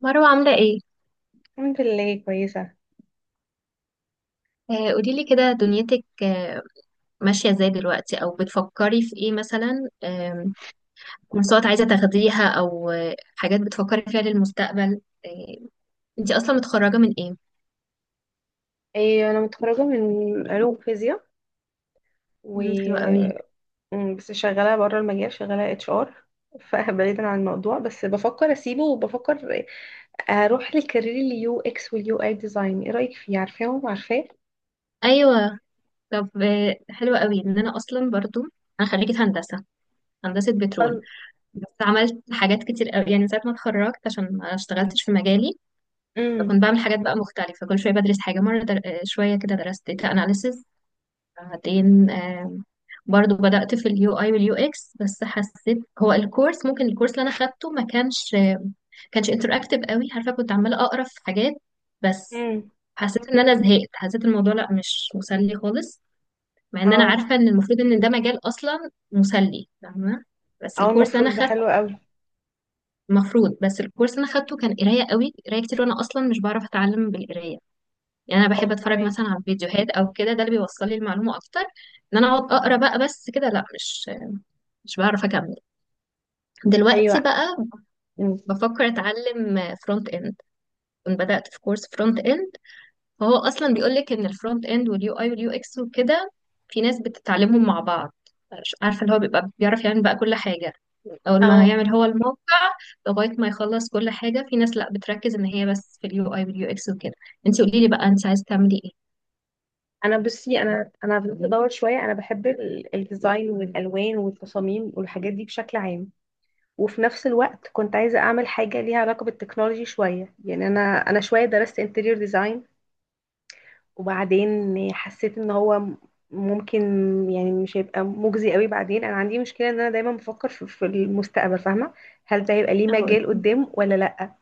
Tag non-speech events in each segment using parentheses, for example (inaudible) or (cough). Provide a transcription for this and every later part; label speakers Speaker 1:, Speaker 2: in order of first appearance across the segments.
Speaker 1: مروة عاملة ايه؟
Speaker 2: الحمد لله، كويسة.
Speaker 1: آه، قوليلي كده دنيتك. آه، ماشية ازاي دلوقتي او بتفكري في ايه مثلا؟ كورسات عايزة تاخديها او حاجات بتفكري فيها للمستقبل؟ آه، انتي اصلا متخرجة من ايه؟
Speaker 2: إيه، أنا متخرجة من علوم فيزياء
Speaker 1: حلوة
Speaker 2: و
Speaker 1: قوي.
Speaker 2: بس شغالة بره المجال، شغالة اتش ار، فبعيدا (laughs) عن الموضوع، بس بفكر أسيبه، وبفكر أروح للكارير اليو اكس واليو اي ديزاين. إيه رأيك فيه، عارفاهم عارفاه؟
Speaker 1: ايوه، طب حلوة قوي ان انا اصلا برضو، انا خريجة هندسة، هندسة بترول.
Speaker 2: أل-
Speaker 1: بس عملت حاجات كتير قوي يعني من ساعة ما اتخرجت عشان ما اشتغلتش في مجالي.
Speaker 2: أمم.
Speaker 1: فكنت بعمل حاجات بقى مختلفة كل شوية، بدرس حاجة مرة در... آه، شوية كده درست data analysis. بعدين برضو بدأت في اليو اي واليو اكس، بس حسيت هو الكورس، ممكن الكورس اللي انا خدته ما كانش انتراكتيف قوي. عارفه كنت عماله اقرا في حاجات بس.
Speaker 2: أمم.
Speaker 1: حسيت ان انا زهقت، حسيت الموضوع لا مش مسلي خالص، مع ان انا
Speaker 2: أو.
Speaker 1: عارفه ان المفروض ان ده مجال اصلا مسلي فاهمه. بس
Speaker 2: أو
Speaker 1: الكورس اللي انا
Speaker 2: المفروض ده حلو
Speaker 1: خدته،
Speaker 2: قوي.
Speaker 1: المفروض، بس الكورس اللي انا خدته كان قرايه قوي، قرايه كتير، وانا اصلا مش بعرف اتعلم بالقرايه. يعني انا
Speaker 2: أه،
Speaker 1: بحب اتفرج
Speaker 2: فهماكي.
Speaker 1: مثلا على فيديوهات او كده، ده اللي بيوصل لي المعلومه اكتر. ان انا اقعد اقرا بقى بس كده لا، مش بعرف اكمل. دلوقتي
Speaker 2: أيوه.
Speaker 1: بقى
Speaker 2: أمم.
Speaker 1: بفكر اتعلم فرونت اند. كنت بدات في كورس فرونت اند. فهو اصلا بيقول لك ان الفرونت اند واليو اي واليو اكس وكده، في ناس بتتعلمهم مع بعض، مش عارفه اللي هو بيبقى بيعرف يعمل بقى كل حاجه، اول ما
Speaker 2: اه،
Speaker 1: هيعمل هو الموقع لغايه ما يخلص كل حاجه. في ناس لا بتركز ان هي بس في اليو اي واليو اكس وكده. انت قولي لي بقى انت عايزه تعملي ايه.
Speaker 2: انا بصي انا بدات ادور شويه، انا بحب الديزاين والالوان والتصاميم والحاجات دي بشكل عام، وفي نفس الوقت كنت عايزة أعمل حاجة ليها علاقة بالتكنولوجي شوية. يعني أنا شوية درست انتريور ديزاين، وبعدين حسيت إن هو ممكن يعني مش هيبقى مجزي قوي. بعدين أنا عندي مشكلة إن أنا دايما بفكر في المستقبل، فاهمة، هل ده هيبقى ليه
Speaker 1: اهو.
Speaker 2: مجال قدام ولا لأ.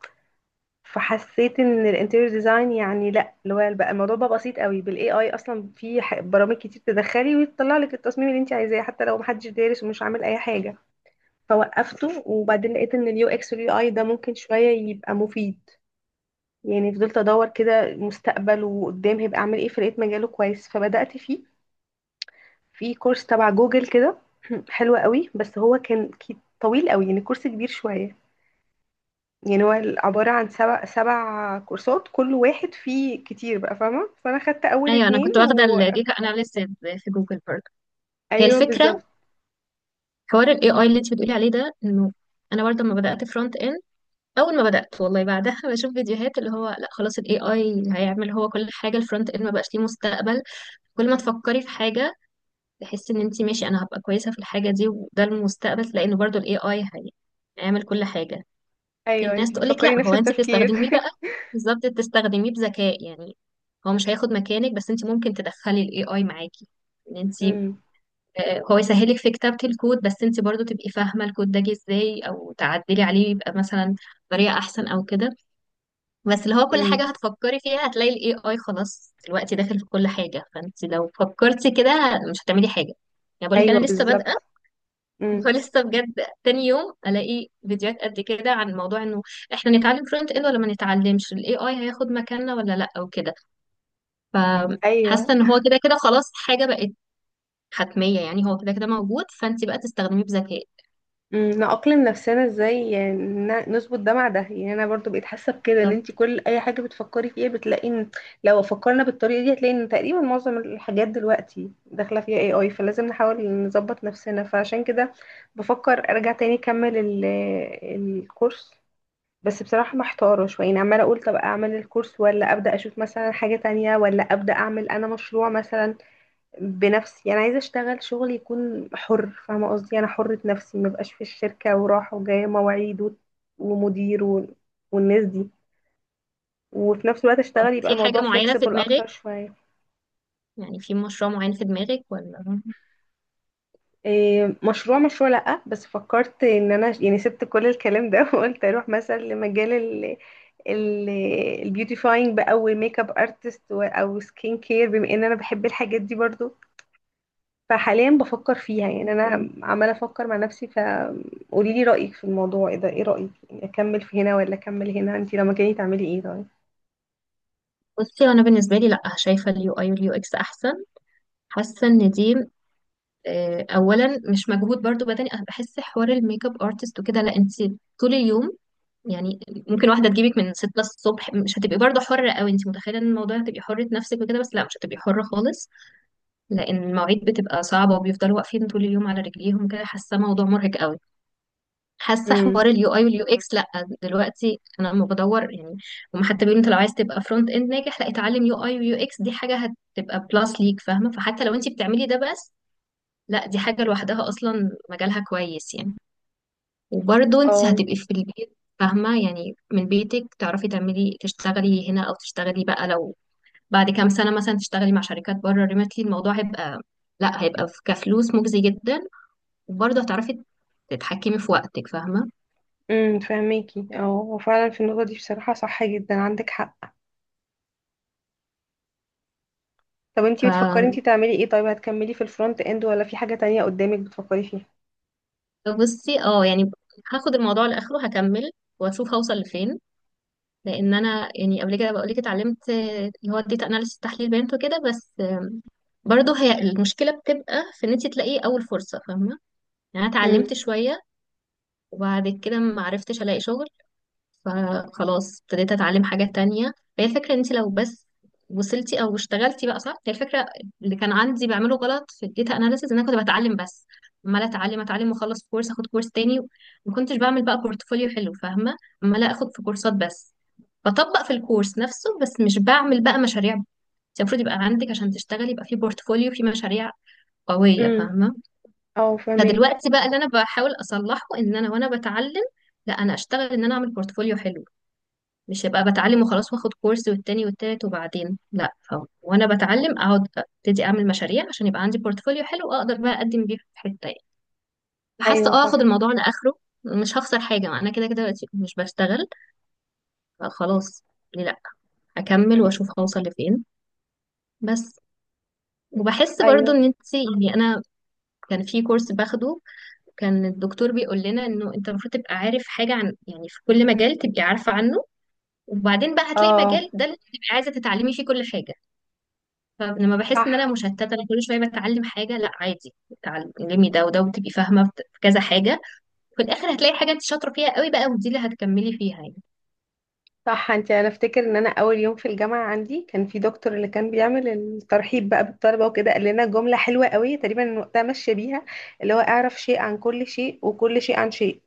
Speaker 2: فحسيت إن الانتريور ديزاين يعني لأ، اللي هو بقى الموضوع بقى بسيط قوي بالاي اي، أصلا في برامج كتير تدخلي وتطلع لك التصميم اللي أنت عايزاه، حتى لو محدش دارس ومش عامل أي حاجة. فوقفته، وبعدين لقيت ان اليو اكس واليو اي ده ممكن شويه يبقى مفيد. يعني فضلت ادور كده، مستقبل وقدام هيبقى اعمل ايه، فلقيت مجاله كويس فبدات فيه، في كورس تبع جوجل كده. (clears throat) حلو قوي، بس هو كان طويل قوي، يعني كورس كبير شويه. يعني هو عباره عن سبع كورسات، كل واحد فيه كتير بقى، فاهمه، فانا خدت اول
Speaker 1: ايوه، انا كنت
Speaker 2: اتنين
Speaker 1: واخده الديتا اناليسيز في جوجل برضه. هي
Speaker 2: ايوه
Speaker 1: الفكره،
Speaker 2: بالظبط.
Speaker 1: حوار الاي اي اللي انت بتقولي عليه ده، انه انا برضه لما بدات فرونت اند، اول ما بدات والله بعدها بشوف فيديوهات اللي هو لا خلاص الاي اي هيعمل هو كل حاجه، الفرونت اند ما بقاش ليه مستقبل. كل ما تفكري في حاجه، تحسي ان انت ماشي، انا هبقى كويسه في الحاجه دي وده المستقبل، تلاقي انه برضه الاي اي هيعمل كل حاجه. في
Speaker 2: ايوه،
Speaker 1: ناس
Speaker 2: انتي
Speaker 1: تقولك لا،
Speaker 2: بتفكري نفس
Speaker 1: هو انت
Speaker 2: التفكير. (laughs)
Speaker 1: بتستخدميه بقى. بالظبط، تستخدميه بذكاء يعني. هو مش هياخد مكانك، بس انت ممكن تدخلي الاي اي معاكي، ان انت
Speaker 2: امم.
Speaker 1: هو يسهلك في كتابة الكود، بس انت برضو تبقي فاهمة الكود ده جه ازاي او تعدلي عليه يبقى مثلا بطريقة احسن او كده. بس اللي هو كل حاجة
Speaker 2: امم.
Speaker 1: هتفكري فيها هتلاقي الاي اي خلاص دلوقتي داخل في كل حاجة، فانت لو فكرتي كده مش هتعملي حاجة. يعني بقول لك
Speaker 2: ايوه
Speaker 1: انا لسه
Speaker 2: بالظبط.
Speaker 1: بادئة،
Speaker 2: امم.
Speaker 1: فلسه بجد تاني يوم الاقي فيديوهات قد كده عن موضوع انه احنا نتعلم فرونت اند ولا ما نتعلمش، الاي اي هياخد مكاننا ولا لا او كده.
Speaker 2: ايوه.
Speaker 1: فحاسة ان هو كده كده خلاص حاجة بقت حتمية، يعني هو كده كده موجود، فانت بقى تستخدميه بذكاء.
Speaker 2: مم، نأقلم نفسنا ازاي يعني، نظبط ده مع ده. يعني انا برضو بقيت حاسه بكده، ان
Speaker 1: طب
Speaker 2: انت كل اي حاجه بتفكري فيها بتلاقي ان لو فكرنا بالطريقه دي، هتلاقي ان تقريبا معظم الحاجات دلوقتي داخله فيها اي اي، فلازم نحاول نظبط نفسنا. فعشان كده بفكر ارجع تاني اكمل الكورس. بس بصراحه محتاره شويه، يعني عماله اقول طب اعمل الكورس، ولا ابدا اشوف مثلا حاجه تانية، ولا ابدا اعمل انا مشروع مثلا بنفسي. انا عايزه اشتغل شغل يكون حر، فاهمه قصدي، انا حره نفسي ما بقاش في الشركه، وراحه وجايه، مواعيد ومدير والناس دي. وفي نفس الوقت
Speaker 1: طب
Speaker 2: اشتغل، يبقى
Speaker 1: في حاجة
Speaker 2: الموضوع
Speaker 1: معينة
Speaker 2: flexible
Speaker 1: في دماغك؟
Speaker 2: اكتر شويه.
Speaker 1: يعني في مشروع معين في دماغك ولا؟
Speaker 2: إيه، مشروع؟ مشروع لا، بس فكرت ان انا يعني سبت كل الكلام ده (laughs) وقلت اروح مثلا لمجال ال البيوتيفاينج بقى، والميك اب ارتست او سكين كير، بما ان انا بحب الحاجات دي برضو، فحاليا بفكر فيها. يعني انا عماله افكر مع نفسي، فقولي لي رايك في الموضوع ايه، ده ايه رايك، يعني اكمل في هنا ولا اكمل هنا، انت لما كاني تعملي ايه طيب؟
Speaker 1: بصي، انا بالنسبه لي لا، شايفه اليو اي واليو اكس احسن. حاسه ان دي اولا مش مجهود برضو بدني. انا بحس حوار الميك اب ارتست وكده لا، انت طول اليوم يعني، ممكن واحده تجيبك من 6 الصبح، مش هتبقي برضو حره قوي. انت متخيله ان الموضوع هتبقي حره نفسك وكده، بس لا مش هتبقي حره خالص، لان المواعيد بتبقى صعبه وبيفضلوا واقفين طول اليوم على رجليهم كده. حاسه موضوع مرهق قوي. حاسه
Speaker 2: امم.
Speaker 1: حوار اليو اي واليو اكس لا، دلوقتي انا لما بدور يعني، هم حتى بيقولوا انت لو عايز تبقى فرونت اند ناجح لا، اتعلم يو اي ويو اكس، دي حاجه هتبقى بلس ليك فاهمه. فحتى لو انت بتعملي ده بس، لا دي حاجه لوحدها اصلا مجالها كويس يعني. وبرضه انت
Speaker 2: اه.
Speaker 1: هتبقي في البيت فاهمه، يعني من بيتك تعرفي تعملي، تشتغلي هنا او تشتغلي بقى لو بعد كام سنه مثلا تشتغلي مع شركات بره ريموتلي، الموضوع هيبقى لا هيبقى كفلوس مجزي جدا. وبرضه هتعرفي تتحكمي في وقتك فاهمه.
Speaker 2: امم، فهميكي. اه، هو فعلا في النقطه دي بصراحه صح جدا، عندك حق. طب انت
Speaker 1: ف
Speaker 2: بتفكري انت تعملي ايه طيب، هتكملي في الفرونت اند ولا في حاجه تانية قدامك بتفكري فيها؟
Speaker 1: بصي، اه يعني هاخد الموضوع لاخره، هكمل واشوف هوصل لفين. لان انا يعني قبل كده بقول لك اتعلمت اللي هو الداتا اناليسيس تحليل بيانات وكده، بس برضه هي المشكله بتبقى في ان انت تلاقي اول فرصه فاهمه. يعني انا
Speaker 2: امم.
Speaker 1: اتعلمت شويه، وبعد كده ما عرفتش الاقي شغل، فخلاص ابتديت اتعلم حاجة تانية. هي الفكرة ان انت لو بس وصلتي او اشتغلتي بقى صح، هي الفكرة. اللي كان عندي بعمله غلط في الداتا اناليسيز ان انا كنت بتعلم بس، عمالة اتعلم اتعلم، واخلص كورس اخد كورس تاني، ما كنتش بعمل بقى بورتفوليو حلو فاهمة. عمالة اخد في كورسات بس، بطبق في الكورس نفسه، بس مش بعمل بقى مشاريع. انت المفروض يبقى عندك عشان تشتغلي، يبقى في بورتفوليو، في مشاريع قوية
Speaker 2: امم.
Speaker 1: فاهمة.
Speaker 2: اه فهميكي.
Speaker 1: فدلوقتي بقى اللي انا بحاول اصلحه، ان انا وانا بتعلم لا، انا اشتغل، ان انا اعمل بورتفوليو حلو. مش هبقى بتعلم وخلاص، واخد كورس والتاني والتالت وبعدين لا. وانا بتعلم اقعد ابتدي اعمل مشاريع عشان يبقى عندي بورتفوليو حلو، اقدر بقى اقدم بيه في حته يعني. حاسه
Speaker 2: ايوه
Speaker 1: اه، اخد
Speaker 2: صح.
Speaker 1: الموضوع لاخره، مش هخسر حاجه، ما انا كده كده دلوقتي مش بشتغل. فخلاص، ليه لا؟ اكمل واشوف هوصل لفين بس. وبحس برضو
Speaker 2: ايوه.
Speaker 1: ان انت يعني، انا كان في كورس باخده، كان الدكتور بيقول لنا انه انت المفروض تبقى عارف حاجه عن، يعني في كل مجال تبقي عارفه عنه، وبعدين بقى هتلاقي
Speaker 2: اه
Speaker 1: مجال ده اللي تبقي عايزه تتعلمي فيه كل حاجه. فلما بحس
Speaker 2: صح.
Speaker 1: ان انا مشتته، انا كل شويه بتعلم حاجه، لا عادي اتعلمي ده وده وتبقي فاهمه في كذا حاجه، في الاخر هتلاقي حاجه انت شاطره فيها قوي بقى، ودي اللي هتكملي فيها يعني.
Speaker 2: صح، انت، انا افتكر ان انا اول يوم في الجامعه عندي، كان في دكتور اللي كان بيعمل الترحيب بقى بالطلبه وكده، قال لنا جمله حلوه قوي تقريبا وقتها، ماشيه بيها، اللي هو اعرف شيء عن كل شيء، وكل شيء عن شيء.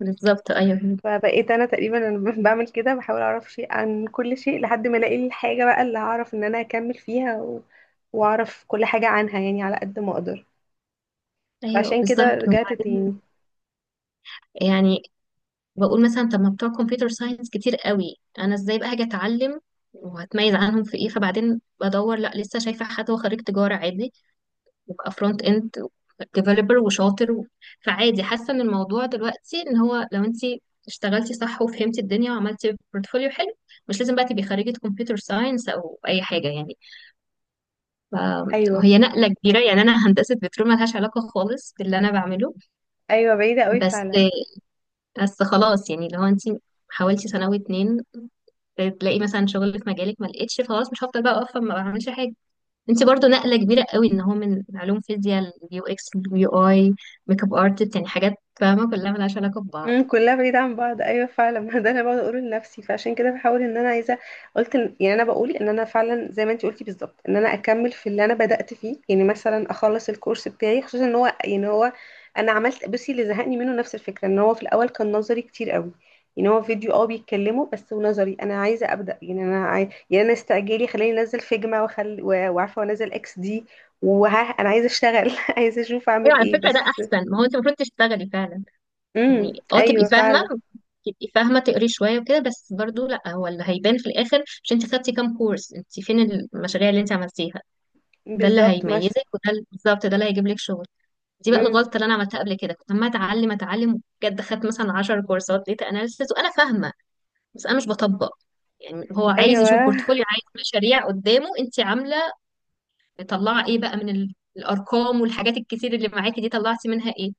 Speaker 1: بالظبط ايوه.
Speaker 2: فبقيت انا تقريبا انا (laughs) بعمل كده، بحاول اعرف شيء عن كل شيء لحد ما الاقي الحاجه بقى اللي هعرف ان انا اكمل فيها واعرف كل حاجه عنها، يعني على قد ما اقدر.
Speaker 1: ايوه
Speaker 2: فعشان كده
Speaker 1: بالظبط.
Speaker 2: رجعت
Speaker 1: وبعدين
Speaker 2: تاني.
Speaker 1: يعني بقول مثلا طب ما بتوع كمبيوتر ساينس كتير قوي، انا ازاي بقى هاجي اتعلم وهتميز عنهم في ايه؟ فبعدين بدور لا، لسه شايفه حد هو خريج تجاره عادي وابقى فرونت اند ديفلوبر وشاطر و... فعادي. حاسه ان الموضوع دلوقتي ان هو لو انت اشتغلتي صح وفهمتي الدنيا وعملتي بورتفوليو حلو، مش لازم بقى تبقي خريجه كمبيوتر ساينس او اي حاجه يعني.
Speaker 2: ايوه.
Speaker 1: فهي نقله كبيره يعني، انا (laughs) هندسه بترول ملهاش علاقه خالص باللي انا بعمله.
Speaker 2: ايوه، بعيده قوي
Speaker 1: بس
Speaker 2: فعلا.
Speaker 1: بس خلاص يعني، لو انت حاولتي سنه واتنين تلاقي مثلا شغل في مجالك، ما لقيتش، خلاص مش هفضل بقى واقفه ما بعملش حاجه. انت برضو نقلة كبيرة قوي ان هو من علوم فيزياء، اليو اكس اليو اي، ميك اب ارتست، يعني حاجات فاهمة كلها ملهاش علاقة ببعض.
Speaker 2: امم، كلها بعيدة عن بعض، ايوه فعلا. (laughs) ما ده انا بقعد اقوله لنفسي، فعشان كده بحاول ان انا عايزة، يعني انا بقول ان انا فعلا زي ما انت قلتي بالظبط، ان انا اكمل في اللي انا بدأت فيه. يعني مثلا اخلص الكورس بتاعي، خصوصا ان هو يعني هو، انا عملت، بصي، اللي زهقني منه نفس الفكرة ان هو في الاول كان نظري كتير قوي. يعني هو فيديو اه بيتكلموا بس ونظري، انا عايزة ابدأ، يعني انا يعني انا استعجالي خليني انزل فيجما وعارفة، وانزل اكس دي، وها انا عايزة اشتغل (laughs) عايزة اشوف اعمل
Speaker 1: يعني على
Speaker 2: ايه
Speaker 1: فكرة ده
Speaker 2: بس.
Speaker 1: احسن، ما هو انت المفروض تشتغلي فعلا
Speaker 2: امم،
Speaker 1: يعني. اه تبقي
Speaker 2: ايوه
Speaker 1: فاهمة،
Speaker 2: فعلا.
Speaker 1: تبقي فاهمة، تقري شوية وكده بس، برضو لا، هو اللي هيبان في الاخر مش انت خدتي كام كورس، انت فين المشاريع اللي انت عملتيها. ده اللي
Speaker 2: بالظبط ماشي.
Speaker 1: هيميزك، وده بالظبط ده اللي هيجيب لك شغل. دي بقى
Speaker 2: امم.
Speaker 1: الغلطة اللي انا عملتها قبل كده، كنت عمالة اتعلم اتعلم بجد، خدت مثلا 10 كورسات داتا اناليسيس وانا فاهمة، بس انا مش بطبق. يعني هو عايز يشوف
Speaker 2: ايوه
Speaker 1: بورتفوليو، عايز مشاريع قدامه انت عامله، مطلعه ايه بقى من الارقام والحاجات الكتير اللي معاكي دي، طلعتي منها ايه؟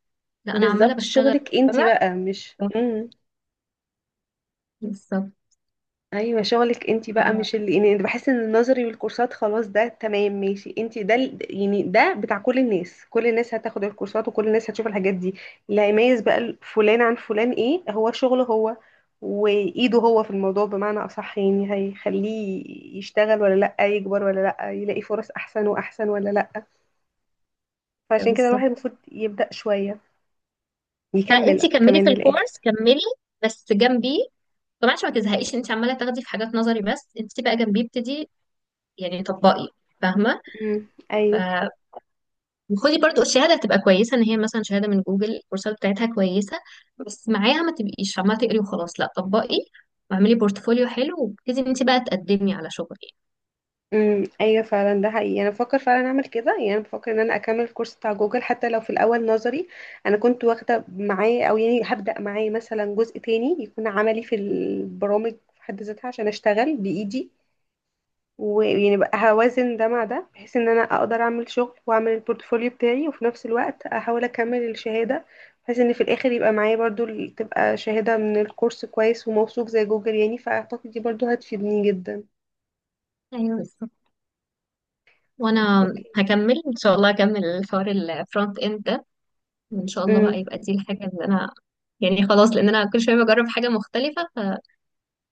Speaker 1: لا انا عماله
Speaker 2: بالظبط.
Speaker 1: بشتغل.
Speaker 2: شغلك انت
Speaker 1: تمام،
Speaker 2: بقى مش، امم.
Speaker 1: بالظبط.
Speaker 2: ايوه، شغلك انت بقى
Speaker 1: آه،
Speaker 2: مش اللي، يعني بحس ان النظري والكورسات خلاص ده تمام ماشي، انت ده يعني ده بتاع كل الناس، كل الناس هتاخد الكورسات وكل الناس هتشوف الحاجات دي. اللي هيميز بقى فلان عن فلان، ايه، هو شغله هو، وايده هو في الموضوع بمعنى اصح، يعني هيخليه يشتغل ولا لا، يكبر ولا لا، يلاقي فرص احسن واحسن ولا لا. فعشان كده الواحد
Speaker 1: بالظبط.
Speaker 2: المفروض يبدأ شوية
Speaker 1: فلا انت
Speaker 2: يكمل
Speaker 1: كملي في
Speaker 2: كمان للاخر.
Speaker 1: الكورس، كملي، بس جنبيه طبعا عشان ما تزهقيش. انت عماله تاخدي في حاجات نظري بس، انت بقى جنبيه ابتدي يعني، طبقي فاهمه.
Speaker 2: امم. ايوه.
Speaker 1: وخدي برضو الشهاده، هتبقى كويسه ان هي مثلا شهاده من جوجل، الكورسات بتاعتها كويسه. بس معاها ما تبقيش عماله تقري وخلاص، لا طبقي واعملي بورتفوليو حلو، وابتدي انت بقى تقدمي على شغل.
Speaker 2: امم، ايوه فعلا، ده حقيقي، انا بفكر فعلا اعمل كده. يعني انا بفكر ان انا اكمل الكورس بتاع جوجل، حتى لو في الاول نظري انا كنت واخده معاه، او يعني هبدا معاه مثلا جزء تاني يكون عملي في البرامج في حد ذاتها، عشان اشتغل بايدي. ويعني بقى هوازن ده مع ده، بحيث ان انا اقدر اعمل شغل واعمل البورتفوليو بتاعي، وفي نفس الوقت احاول اكمل الشهاده، بحيث ان في الاخر يبقى معايا برضو تبقى شهاده من الكورس كويس وموثوق زي جوجل، يعني فاعتقد دي برضو هتفيدني جدا.
Speaker 1: يعني ايوه، بالظبط.
Speaker 2: خلاص،
Speaker 1: وانا
Speaker 2: اوكي.
Speaker 1: هكمل ان شاء الله، هكمل الحوار الفرونت اند ده، وان شاء الله بقى
Speaker 2: امم.
Speaker 1: يبقى دي الحاجه اللي انا يعني خلاص، لان انا كل شويه بجرب حاجه مختلفه.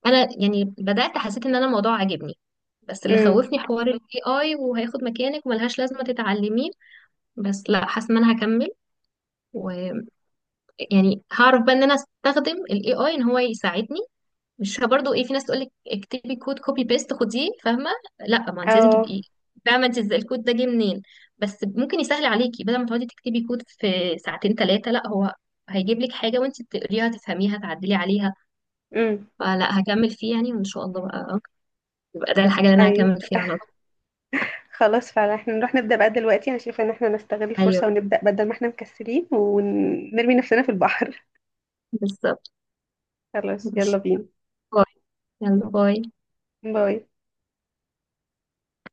Speaker 1: فانا يعني بدات حسيت ان انا الموضوع عاجبني، بس اللي
Speaker 2: امم.
Speaker 1: خوفني حوار الاي اي وهياخد مكانك وملهاش لازمه تتعلميه. بس لا، حاسه ان انا هكمل، و يعني هعرف بقى ان انا استخدم الاي اي ان هو يساعدني، مش برضو ايه، في ناس تقول لك اكتبي كود كوبي بيست خديه فاهمه، لا ما انت لازم
Speaker 2: اه.
Speaker 1: تبقي فاهمه انت ازاي الكود ده جه منين، بس ممكن يسهل عليكي بدل ما تقعدي تكتبي كود في ساعتين ثلاثه، لا هو هيجيب لك حاجه وانت بتقريها تفهميها تعدلي عليها.
Speaker 2: امم.
Speaker 1: فلا هكمل فيه يعني، وان شاء الله بقى يبقى ده الحاجه اللي انا
Speaker 2: ايوه.
Speaker 1: هكمل فيها على طول.
Speaker 2: خلاص فعلا، احنا نروح نبدأ بقى دلوقتي، انا شايفه ان احنا نستغل
Speaker 1: ايوه،
Speaker 2: الفرصة ونبدأ، بدل ما احنا مكسلين، ونرمي نفسنا في البحر.
Speaker 1: بالظبط.
Speaker 2: (laughs) خلاص، يلا
Speaker 1: ماشي.
Speaker 2: بينا.
Speaker 1: باي. يلا باي.
Speaker 2: باي.